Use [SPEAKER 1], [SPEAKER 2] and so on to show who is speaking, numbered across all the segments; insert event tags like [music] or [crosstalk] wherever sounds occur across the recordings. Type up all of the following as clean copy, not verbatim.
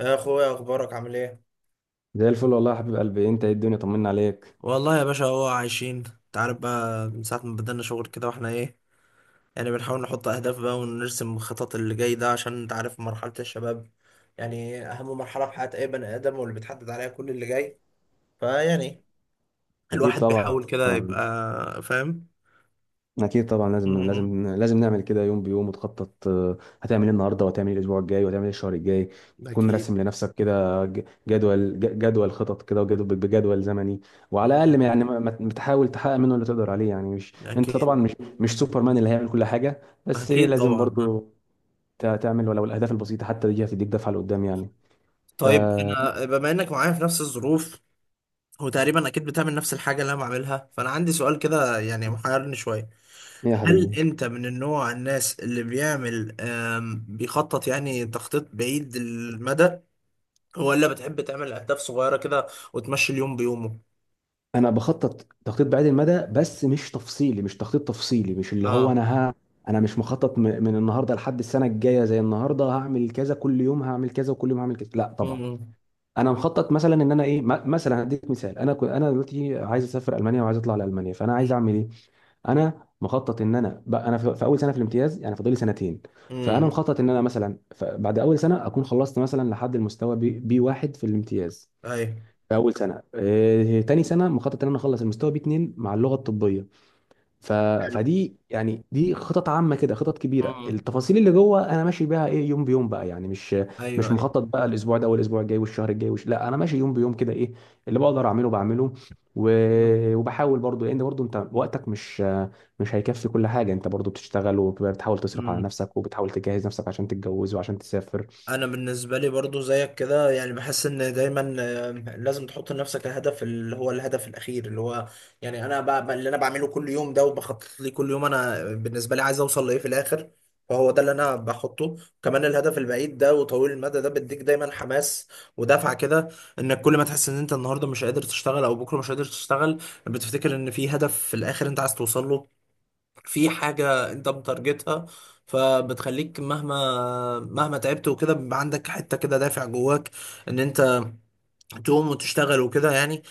[SPEAKER 1] يا اخويا، اخبارك عامل ايه؟
[SPEAKER 2] زي الفل والله يا حبيب قلبي، انت ايه؟ الدنيا طمنا عليك.
[SPEAKER 1] والله يا باشا، هو عايشين. انت عارف بقى من ساعة ما بدأنا شغل كده، واحنا ايه، يعني بنحاول نحط أهداف بقى ونرسم خطط اللي جاي ده، عشان انت عارف مرحلة الشباب يعني أهم مرحلة في حياة أي بني آدم واللي بتحدد عليها كل اللي جاي. فيعني
[SPEAKER 2] اكيد
[SPEAKER 1] الواحد [laughs]
[SPEAKER 2] طبعا،
[SPEAKER 1] بيحاول كده يبقى فاهم.
[SPEAKER 2] لازم
[SPEAKER 1] مم.
[SPEAKER 2] لازم لازم نعمل كده. يوم بيوم وتخطط، هتعمل ايه النهارده، وهتعمل ايه الاسبوع الجاي، وهتعمل ايه الشهر الجاي. تكون
[SPEAKER 1] أكيد.
[SPEAKER 2] راسم لنفسك كده جدول، جدول خطط كده، وجدول بجدول زمني. وعلى الاقل ما-
[SPEAKER 1] مم.
[SPEAKER 2] يعني ما ما- بتحاول تحقق منه اللي تقدر عليه. يعني مش انت طبعا
[SPEAKER 1] أكيد.
[SPEAKER 2] مش سوبرمان اللي هيعمل كل حاجه، بس ايه،
[SPEAKER 1] أكيد
[SPEAKER 2] لازم
[SPEAKER 1] طبعا، آه.
[SPEAKER 2] برضو تعمل، ولو الاهداف البسيطه حتى دي هتديك دفعه لقدام يعني. ف
[SPEAKER 1] طيب. أنا بما إنك معايا في نفس الظروف، وتقريبا أكيد بتعمل نفس الحاجة اللي أنا بعملها، فأنا عندي سؤال كده يعني محيرني شوية.
[SPEAKER 2] يا
[SPEAKER 1] هل
[SPEAKER 2] حبيبي،
[SPEAKER 1] انت من النوع الناس اللي بيعمل بيخطط، يعني تخطيط بعيد المدى، ولا بتحب تعمل اهداف صغيرة كده وتمشي اليوم بيومه؟
[SPEAKER 2] انا بخطط تخطيط بعيد المدى، بس مش تفصيلي، مش تخطيط تفصيلي، مش اللي هو
[SPEAKER 1] اه.
[SPEAKER 2] انا انا مش مخطط من النهارده لحد السنه الجايه زي النهارده هعمل كذا، كل يوم هعمل كذا، وكل يوم هعمل كذا. لا طبعا.
[SPEAKER 1] امم.
[SPEAKER 2] انا مخطط مثلا ان انا ايه، مثلا هديك مثال، انا كنت انا دلوقتي عايز اسافر المانيا، وعايز اطلع لالمانيا، فانا عايز
[SPEAKER 1] امم.
[SPEAKER 2] اعمل ايه؟ انا مخطط ان انا بقى انا في في اول سنه في الامتياز، يعني فاضل لي سنتين. فانا
[SPEAKER 1] امم.
[SPEAKER 2] مخطط ان انا مثلا بعد اول سنه اكون خلصت مثلا لحد المستوى بي واحد في الامتياز
[SPEAKER 1] ايوه.
[SPEAKER 2] في اول سنه. تاني سنه مخطط ان انا اخلص المستوى بي 2 مع اللغه الطبيه. ف...
[SPEAKER 1] حلو.
[SPEAKER 2] فدي يعني دي خطط عامه كده، خطط كبيره.
[SPEAKER 1] امم.
[SPEAKER 2] التفاصيل اللي جوه انا ماشي بيها ايه، يوم بيوم بقى، يعني مش
[SPEAKER 1] ايوه.
[SPEAKER 2] مخطط بقى الاسبوع ده والاسبوع الجاي والشهر الجاي لا، انا ماشي يوم بيوم كده، ايه اللي بقدر اعمله بعمله. و...
[SPEAKER 1] ايوه.
[SPEAKER 2] وبحاول برضو، لان برضو انت وقتك مش هيكفي كل حاجه. انت برضو بتشتغل، وبتحاول تصرف على نفسك، وبتحاول تجهز نفسك عشان تتجوز وعشان تسافر.
[SPEAKER 1] انا بالنسبه لي برضو زيك كده، يعني بحس ان دايما لازم تحط لنفسك الهدف اللي هو الهدف الاخير اللي هو، يعني انا اللي انا بعمله كل يوم ده وبخطط ليه كل يوم، انا بالنسبه لي عايز اوصل لايه في الاخر، فهو ده اللي انا بحطه. كمان الهدف البعيد ده وطويل المدى ده بيديك دايما حماس ودفعه كده، انك كل ما تحس ان انت النهارده مش قادر تشتغل او بكره مش قادر تشتغل، بتفتكر ان في هدف في الاخر انت عايز توصل له، في حاجة انت متارجتها، فبتخليك مهما مهما تعبت وكده بيبقى عندك حتة كده دافع جواك ان انت تقوم وتشتغل وكده يعني.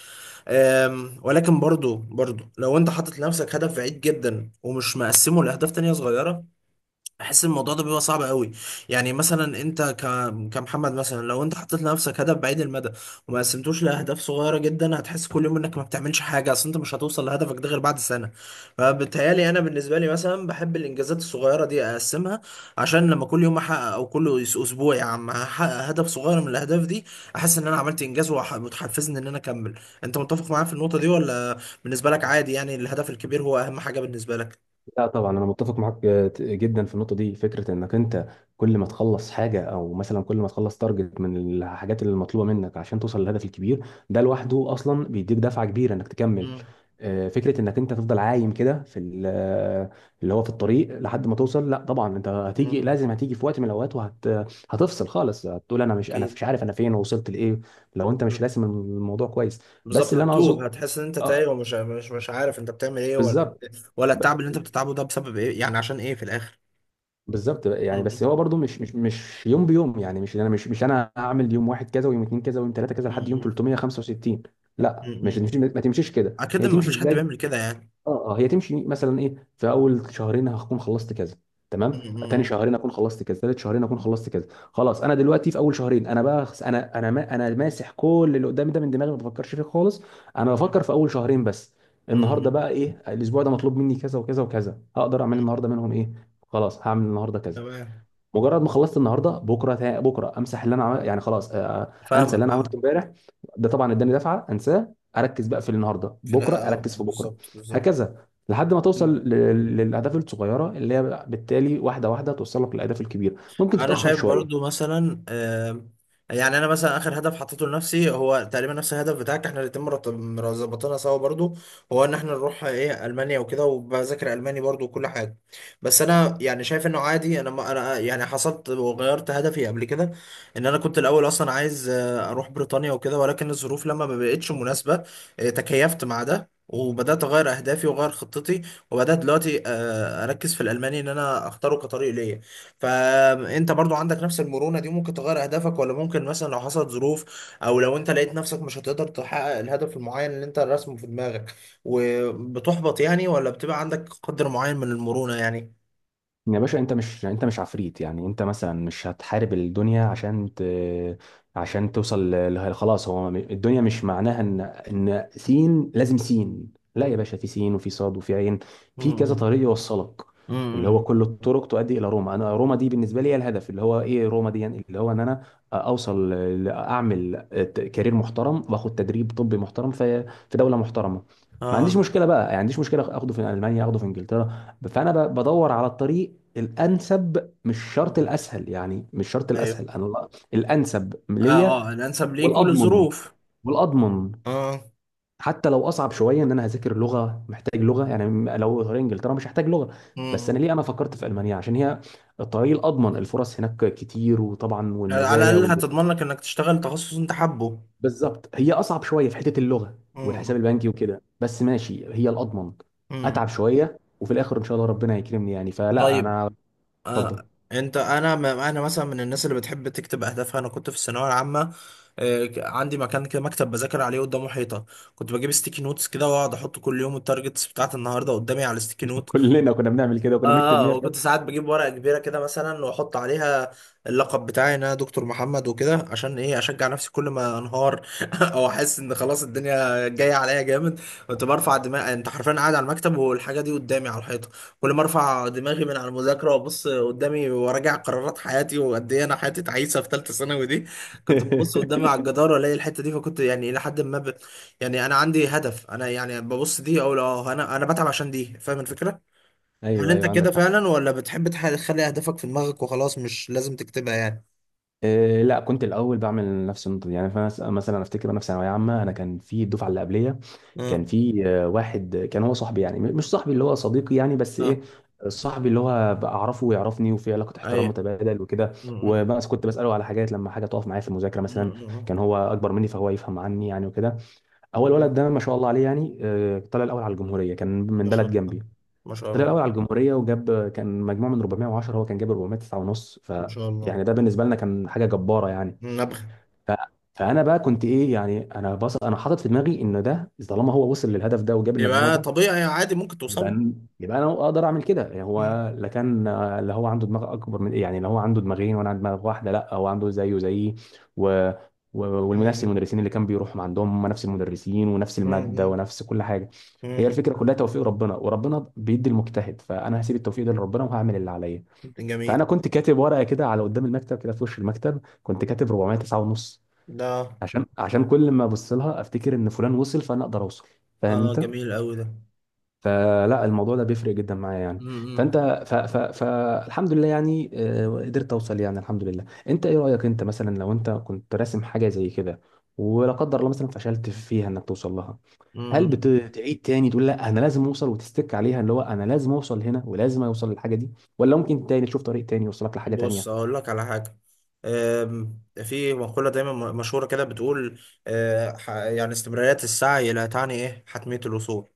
[SPEAKER 1] ولكن برضو لو انت حاطط لنفسك هدف بعيد جدا ومش مقسمه لأهداف تانية صغيرة، احس الموضوع ده بيبقى صعب قوي. يعني مثلا انت كمحمد مثلا، لو انت حطيت لنفسك هدف بعيد المدى وما قسمتوش لاهداف صغيره جدا، هتحس كل يوم انك ما بتعملش حاجه، اصل انت مش هتوصل لهدفك ده غير بعد سنه. فبتهيالي انا بالنسبه لي مثلا بحب الانجازات الصغيره دي اقسمها، عشان لما كل يوم احقق او كل اسبوع يا عم احقق هدف صغير من الاهداف دي، احس ان انا عملت انجاز وتحفزني ان انا اكمل. انت متفق معايا في النقطه دي، ولا بالنسبه لك عادي، يعني الهدف الكبير هو اهم حاجه بالنسبه لك؟
[SPEAKER 2] لا طبعا، انا متفق معاك جدا في النقطه دي. فكره انك انت كل ما تخلص حاجه، او مثلا كل ما تخلص تارجت من الحاجات اللي مطلوبه منك عشان توصل للهدف الكبير، ده لوحده اصلا بيديك دفعه كبيره انك تكمل.
[SPEAKER 1] مم.
[SPEAKER 2] فكره انك انت تفضل عايم كده في اللي هو في الطريق لحد ما توصل، لا طبعا، انت هتيجي،
[SPEAKER 1] مم.
[SPEAKER 2] لازم هتيجي في وقت من الاوقات وهتفصل خالص، هتقول انا مش انا
[SPEAKER 1] اكيد.
[SPEAKER 2] مش عارف انا فين ووصلت لايه. لو انت مش راسم الموضوع كويس. بس
[SPEAKER 1] بالظبط،
[SPEAKER 2] اللي انا اقصد،
[SPEAKER 1] هتتوه، هتحس ان انت
[SPEAKER 2] آه،
[SPEAKER 1] تايه ومش مش مش عارف انت بتعمل ايه، ولا
[SPEAKER 2] بالظبط،
[SPEAKER 1] ولا التعب اللي انت بتتعبه ده بسبب ايه يعني، عشان ايه في الاخر؟
[SPEAKER 2] بالظبط بقى.
[SPEAKER 1] م-
[SPEAKER 2] يعني بس
[SPEAKER 1] م-
[SPEAKER 2] هو برضو مش مش يوم بيوم، يعني مش انا مش انا هعمل يوم واحد كذا، ويوم اتنين كذا، ويوم تلاته كذا لحد يوم
[SPEAKER 1] م-
[SPEAKER 2] 365. لا مش
[SPEAKER 1] م.
[SPEAKER 2] مش- ما تمشيش كده،
[SPEAKER 1] اكيد،
[SPEAKER 2] هي
[SPEAKER 1] ما
[SPEAKER 2] تمشي
[SPEAKER 1] فيش حد
[SPEAKER 2] ازاي؟
[SPEAKER 1] بيعمل كده يعني.
[SPEAKER 2] اه، اه، هي تمشي مثلا ايه، في اول شهرين هكون خلصت كذا،
[SPEAKER 1] م-
[SPEAKER 2] تمام، تاني
[SPEAKER 1] م-
[SPEAKER 2] شهرين اكون خلصت كذا، تالت شهرين اكون خلصت كذا. خلاص، انا دلوقتي في اول شهرين انا بقى انا ما انا ماسح كل اللي قدامي ده من دماغي، ما بفكرش فيه خالص. انا
[SPEAKER 1] م-
[SPEAKER 2] بفكر في اول شهرين بس.
[SPEAKER 1] م-
[SPEAKER 2] النهارده
[SPEAKER 1] م-
[SPEAKER 2] بقى ايه، الاسبوع ده مطلوب مني كذا وكذا وكذا، هقدر اعمل
[SPEAKER 1] م.
[SPEAKER 2] النهارده منهم ايه؟ خلاص هعمل النهارده كذا.
[SPEAKER 1] تمام.
[SPEAKER 2] مجرد ما خلصت النهارده، بكره امسح اللي انا يعني خلاص، انسى اللي
[SPEAKER 1] فاهمك،
[SPEAKER 2] انا
[SPEAKER 1] اه.
[SPEAKER 2] عملته امبارح. ده طبعا اداني دفعه، انساه، اركز بقى في النهارده،
[SPEAKER 1] في
[SPEAKER 2] بكره
[SPEAKER 1] اه،
[SPEAKER 2] اركز في بكره.
[SPEAKER 1] بالظبط بالظبط.
[SPEAKER 2] هكذا لحد ما توصل
[SPEAKER 1] م.
[SPEAKER 2] للاهداف الصغيره اللي هي بالتالي واحده واحده توصلك للاهداف الكبيره. ممكن
[SPEAKER 1] انا
[SPEAKER 2] تتاخر
[SPEAKER 1] شايف برضو
[SPEAKER 2] شويه.
[SPEAKER 1] مثلا يعني انا مثلا اخر هدف حطيته لنفسي هو تقريبا نفس الهدف بتاعك، احنا الاتنين ظبطنا سوا برضو. هو ان احنا نروح ايه المانيا وكده، وبذاكر الماني برضو وكل حاجه. بس انا يعني شايف انه عادي، انا ما انا يعني حصلت وغيرت هدفي قبل كده، ان انا كنت الاول اصلا عايز اروح بريطانيا وكده، ولكن الظروف لما ما بقتش مناسبه، تكيفت مع ده وبدأت أغير أهدافي وأغير خطتي، وبدأت دلوقتي أركز في الألماني إن أنا أختاره كطريق ليا. فانت برضو عندك نفس المرونة دي؟ ممكن تغير اهدافك، ولا ممكن مثلا لو حصلت ظروف او لو انت لقيت نفسك مش هتقدر تحقق الهدف المعين اللي انت راسمه في دماغك وبتحبط يعني، ولا بتبقى عندك قدر معين من المرونة يعني؟
[SPEAKER 2] يا باشا، انت مش يعني انت مش عفريت، يعني انت مثلا مش هتحارب الدنيا عشان توصل خلاص، هو الدنيا مش معناها ان ان سين لازم سين. لا يا
[SPEAKER 1] مم.
[SPEAKER 2] باشا، في سين، وفي صاد، وفي عين. في كذا
[SPEAKER 1] مم.
[SPEAKER 2] طريق يوصلك. اللي هو
[SPEAKER 1] مم.
[SPEAKER 2] كل الطرق تؤدي الى روما. انا روما دي بالنسبه لي هي الهدف. اللي هو ايه، روما دي يعني اللي هو ان انا اوصل اعمل كارير محترم، واخد تدريب طبي محترم في في دوله محترمه. ما
[SPEAKER 1] اه.
[SPEAKER 2] عنديش مشكله بقى، يعني ما عنديش مشكله اخده في المانيا، اخده في انجلترا. فانا بدور على الطريق الانسب، مش شرط
[SPEAKER 1] مم.
[SPEAKER 2] الاسهل، يعني مش شرط
[SPEAKER 1] ايوه.
[SPEAKER 2] الاسهل، انا الانسب
[SPEAKER 1] اه.
[SPEAKER 2] ليا،
[SPEAKER 1] اه، الانسب ليك
[SPEAKER 2] والاضمن،
[SPEAKER 1] وللظروف.
[SPEAKER 2] والاضمن.
[SPEAKER 1] اه.
[SPEAKER 2] حتى لو اصعب شويه، ان انا هذاكر لغه، محتاج لغه يعني، لو غير انجلترا مش هحتاج لغه. بس انا
[SPEAKER 1] مم.
[SPEAKER 2] ليه انا فكرت في المانيا؟ عشان هي الطريق الاضمن. الفرص هناك كتير، وطبعا
[SPEAKER 1] على
[SPEAKER 2] والمزايا
[SPEAKER 1] الاقل هتضمن لك انك تشتغل تخصص انت حابه.
[SPEAKER 2] [laughs] بالظبط. هي اصعب شويه في حته اللغه والحساب
[SPEAKER 1] مم.
[SPEAKER 2] البنكي وكده، بس ماشي، هي الاضمن.
[SPEAKER 1] مم.
[SPEAKER 2] اتعب شويه، وفي الاخر ان شاء الله ربنا يكرمني يعني، فلا
[SPEAKER 1] طيب،
[SPEAKER 2] انا. اتفضل.
[SPEAKER 1] آه. انت، انا انا مثلا من الناس اللي بتحب تكتب اهدافها. انا كنت في الثانويه العامه عندي مكان كده، مكتب بذاكر عليه قدامه حيطه، كنت بجيب ستيكي نوتس كده واقعد احط كل يوم التارجتس بتاعت النهارده قدامي على الستيكي
[SPEAKER 2] [laughs]
[SPEAKER 1] نوت.
[SPEAKER 2] كلنا كنا بنعمل كده، وكنا بنكتب
[SPEAKER 1] اه.
[SPEAKER 2] مية.
[SPEAKER 1] وكنت ساعات بجيب ورقة كبيرة كده مثلا واحط عليها اللقب بتاعي ان انا دكتور محمد وكده، عشان ايه، اشجع نفسي كل ما انهار [laughs] او احس ان خلاص الدنيا جاية عليا جامد. كنت برفع دماغي، انت حرفيا قاعد على المكتب والحاجة دي قدامي على الحيطة، كل ما ارفع دماغي من على المذاكرة وابص قدامي وراجع قرارات حياتي وقد ايه انا حياتي تعيسة في ثالثة ثانوي دي، كنت ببص قدامي على
[SPEAKER 2] [laughs]
[SPEAKER 1] الجدار والاقي الحتة دي، فكنت يعني الى حد ما يعني انا عندي هدف، انا يعني ببص دي اقول اه انا انا بتعب عشان دي، فاهم الفكرة؟ هل
[SPEAKER 2] ايوه
[SPEAKER 1] انت
[SPEAKER 2] ايوه،
[SPEAKER 1] كده
[SPEAKER 2] عندك حق.
[SPEAKER 1] فعلا، ولا بتحب تخلي اهدافك في دماغك وخلاص مش لازم تكتبها يعني؟
[SPEAKER 2] إيه، لا، كنت الاول بعمل نفس النقطه دي يعني. فانا مثلا أنا افتكر انا في ثانويه عامه، انا كان في الدفعه اللي قبليه كان
[SPEAKER 1] اه.
[SPEAKER 2] في واحد كان هو صاحبي يعني، مش صاحبي اللي هو صديقي يعني، بس
[SPEAKER 1] اه.
[SPEAKER 2] ايه، صاحبي اللي هو بعرفه ويعرفني، وفي علاقه احترام
[SPEAKER 1] ايوه.
[SPEAKER 2] متبادل وكده.
[SPEAKER 1] م- م-
[SPEAKER 2] وبس كنت بساله على حاجات لما حاجه تقف معايا في المذاكره مثلا.
[SPEAKER 1] م-
[SPEAKER 2] كان هو اكبر مني، فهو يفهم عني يعني، وكده.
[SPEAKER 1] م-
[SPEAKER 2] اول ولد
[SPEAKER 1] م-
[SPEAKER 2] ده ما شاء الله عليه يعني، طلع الاول على الجمهوريه، كان من
[SPEAKER 1] ما
[SPEAKER 2] بلد
[SPEAKER 1] شاء الله.
[SPEAKER 2] جنبي.
[SPEAKER 1] ما شاء
[SPEAKER 2] طلع
[SPEAKER 1] الله.
[SPEAKER 2] الاول على الجمهوريه، وجاب كان مجموع من 410، هو كان جاب 409 ونص.
[SPEAKER 1] ما شاء الله.
[SPEAKER 2] يعني ده بالنسبه لنا كان حاجه جباره يعني.
[SPEAKER 1] نبغى.
[SPEAKER 2] ف... فانا بقى كنت ايه يعني، انا بص، انا حاطط في دماغي ان ده طالما هو وصل للهدف ده وجاب المجموع
[SPEAKER 1] يبقى
[SPEAKER 2] ده،
[SPEAKER 1] طبيعي عادي، ممكن توصل.
[SPEAKER 2] يبقى يبقى انا اقدر اعمل كده يعني.
[SPEAKER 1] م-
[SPEAKER 2] هو لا كان اللي هو عنده دماغ اكبر من، يعني اللي هو عنده دماغين وانا عندي دماغ واحده؟ لا، هو عنده زيه زيي. و... والنفس
[SPEAKER 1] م-
[SPEAKER 2] المدرسين اللي كان بيروحهم عندهم هم، نفس المدرسين ونفس
[SPEAKER 1] م-
[SPEAKER 2] الماده
[SPEAKER 1] م-
[SPEAKER 2] ونفس كل حاجه. هي
[SPEAKER 1] م-
[SPEAKER 2] الفكره كلها توفيق ربنا، وربنا بيدي المجتهد. فانا هسيب التوفيق ده لربنا، وهعمل اللي عليا.
[SPEAKER 1] م. جميل
[SPEAKER 2] فانا كنت كاتب ورقه كده على قدام المكتب، كده في وش المكتب، كنت كاتب 409 ونص.
[SPEAKER 1] ده.
[SPEAKER 2] عشان، عشان كل ما ابص لها افتكر ان فلان وصل، فانا اقدر اوصل.
[SPEAKER 1] اه،
[SPEAKER 2] فاهم انت؟
[SPEAKER 1] جميل قوي ده.
[SPEAKER 2] فلا الموضوع ده بيفرق جدا معايا يعني.
[SPEAKER 1] م- م-
[SPEAKER 2] فانت. فالحمد لله يعني، قدرت اوصل يعني الحمد لله. انت ايه رايك، انت مثلا لو انت كنت راسم حاجه زي كده، ولا قدر الله مثلا فشلت فيها انك توصل لها، هل
[SPEAKER 1] م-
[SPEAKER 2] بتعيد تاني تقول لا انا لازم اوصل، وتستك عليها اللي هو انا لازم اوصل هنا، ولازم اوصل للحاجه دي؟ ولا ممكن تاني تشوف طريق تاني يوصلك لحاجه
[SPEAKER 1] بص
[SPEAKER 2] تانيه؟
[SPEAKER 1] اقول لك على حاجه. في مقوله دايما مشهوره كده بتقول، يعني استمراريه السعي لا تعني ايه حتميه الوصول.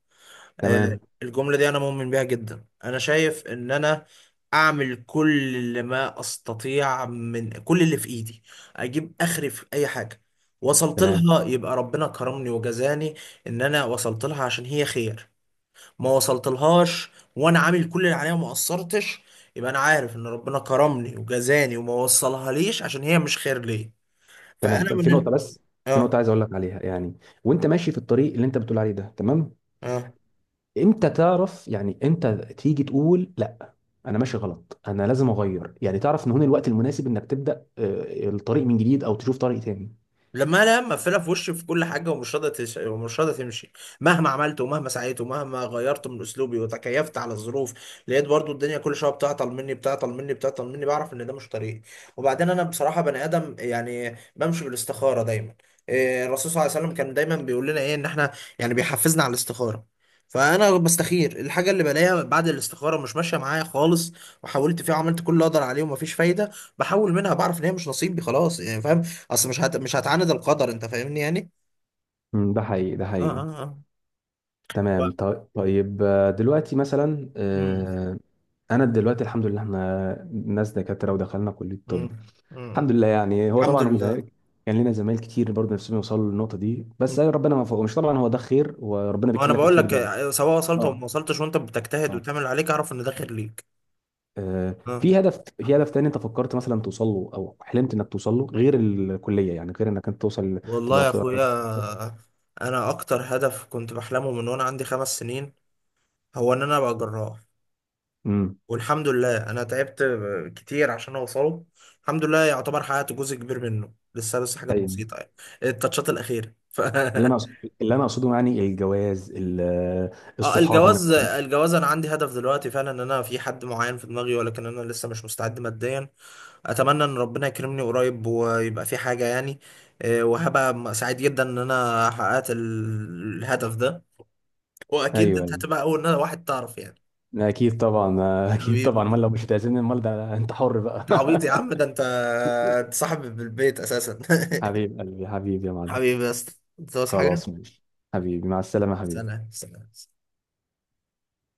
[SPEAKER 2] تمام.
[SPEAKER 1] الجمله دي انا مؤمن بيها جدا. انا شايف ان انا اعمل كل اللي ما استطيع من كل اللي في ايدي، اجيب اخري في اي حاجه. وصلت
[SPEAKER 2] تمام.
[SPEAKER 1] لها يبقى ربنا كرمني وجزاني، ان انا وصلت لها عشان هي خير. ما وصلتلهاش وانا عامل كل اللي عليا وما قصرتش، يبقى انا عارف ان ربنا كرمني وجزاني وما وصلها ليش عشان هي مش خير ليا.
[SPEAKER 2] تمام،
[SPEAKER 1] فانا
[SPEAKER 2] طب في
[SPEAKER 1] من،
[SPEAKER 2] نقطه بس، في نقطه
[SPEAKER 1] اه
[SPEAKER 2] عايز اقول لك عليها يعني. وانت ماشي في الطريق اللي انت بتقول عليه ده، تمام،
[SPEAKER 1] اه.
[SPEAKER 2] امتى تعرف يعني انت تيجي تقول لا انا ماشي غلط، انا لازم اغير؟ يعني تعرف ان هنا الوقت المناسب انك تبدا الطريق من جديد، او تشوف طريق تاني.
[SPEAKER 1] لما انا مقفله في وشي في كل حاجه ومش راضيه ومش راضيه تمشي، مهما عملت ومهما سعيت ومهما غيرت من اسلوبي وتكيفت على الظروف، لقيت برضو الدنيا كل شويه بتعطل مني بتعطل مني بتعطل مني، بعرف ان ده مش طريقي. وبعدين انا بصراحه بني ادم يعني بمشي بالاستخاره دايما. إيه، الرسول صلى الله عليه وسلم كان دايما بيقول لنا ايه، ان احنا يعني بيحفزنا على الاستخاره. فانا بستخير الحاجه، اللي بلاقيها بعد الاستخاره مش ماشيه معايا خالص، وحاولت فيها وعملت كل اللي اقدر عليه ومفيش فايده بحاول منها، بعرف ان هي مش نصيبي خلاص يعني، فاهم؟ اصل مش مش هتعاند القدر، انت فاهمني يعني.
[SPEAKER 2] مم، ده حقيقي، ده
[SPEAKER 1] اه
[SPEAKER 2] حقيقي.
[SPEAKER 1] اه اه. و-
[SPEAKER 2] تمام، طيب، طيب. دلوقتي مثلا،
[SPEAKER 1] مم.
[SPEAKER 2] انا دلوقتي الحمد لله احنا ناس دكاتره ودخلنا كليه
[SPEAKER 1] مم.
[SPEAKER 2] طب.
[SPEAKER 1] مم.
[SPEAKER 2] الحمد لله يعني. هو
[SPEAKER 1] الحمد
[SPEAKER 2] طبعا
[SPEAKER 1] لله.
[SPEAKER 2] زمايل، كان لنا زمايل كتير برضه نفسهم يوصلوا للنقطه دي،
[SPEAKER 1] م.
[SPEAKER 2] بس أي ربنا ما فوقهمش. طبعا هو ده خير، وربنا
[SPEAKER 1] ما
[SPEAKER 2] بيكتب
[SPEAKER 1] انا
[SPEAKER 2] لك
[SPEAKER 1] بقول
[SPEAKER 2] الخير
[SPEAKER 1] لك
[SPEAKER 2] دايما.
[SPEAKER 1] سواء وصلت او ما
[SPEAKER 2] اه،
[SPEAKER 1] وصلتش وانت بتجتهد
[SPEAKER 2] اه.
[SPEAKER 1] وتعمل اللي عليك، اعرف ان ده خير ليك. اه.
[SPEAKER 2] في هدف، هدف تاني انت فكرت مثلا توصل له، او حلمت انك توصل له، غير الكليه، يعني غير انك انت توصل
[SPEAKER 1] والله
[SPEAKER 2] تبقى
[SPEAKER 1] يا
[SPEAKER 2] في؟
[SPEAKER 1] اخويا، انا اكتر هدف كنت بحلمه من وانا عندي 5 سنين، هو ان انا ابقى جراح.
[SPEAKER 2] امم.
[SPEAKER 1] والحمد لله انا تعبت كتير عشان اوصله. الحمد لله يعتبر حققت جزء كبير منه، لسه بس حاجات
[SPEAKER 2] ايوه.
[SPEAKER 1] بسيطة يعني، التاتشات الأخيرة.
[SPEAKER 2] اللي انا
[SPEAKER 1] [laughs]
[SPEAKER 2] اللي انا اقصده يعني الجواز،
[SPEAKER 1] اه،
[SPEAKER 2] الصحاب، انك.
[SPEAKER 1] الجواز، الجواز انا عندي هدف دلوقتي فعلا، ان انا في حد معين في دماغي، ولكن انا لسه مش مستعد ماديا. اتمنى ان ربنا يكرمني قريب ويبقى في حاجة يعني. وهبقى سعيد جدا ان انا حققت الهدف ده. واكيد
[SPEAKER 2] ايوه،
[SPEAKER 1] انت
[SPEAKER 2] ايوه،
[SPEAKER 1] هتبقى اول واحد تعرف يعني.
[SPEAKER 2] اكيد طبعا. اكيد طبعا،
[SPEAKER 1] حبيبي.
[SPEAKER 2] امال، لو مش بتعزمني امال ده انت حر بقى.
[SPEAKER 1] انت عبيط يا
[SPEAKER 2] [laughs]
[SPEAKER 1] عم، ده انت، انت صاحبي بالبيت اساسا
[SPEAKER 2] حبيب
[SPEAKER 1] [laughs]
[SPEAKER 2] قلبي، حبيبي يا معلم.
[SPEAKER 1] حبيبي يا اسطى. انت عاوز حاجة؟
[SPEAKER 2] خلاص ماشي. حبيبي، مع السلامه يا حبيبي.
[SPEAKER 1] سلام سلام.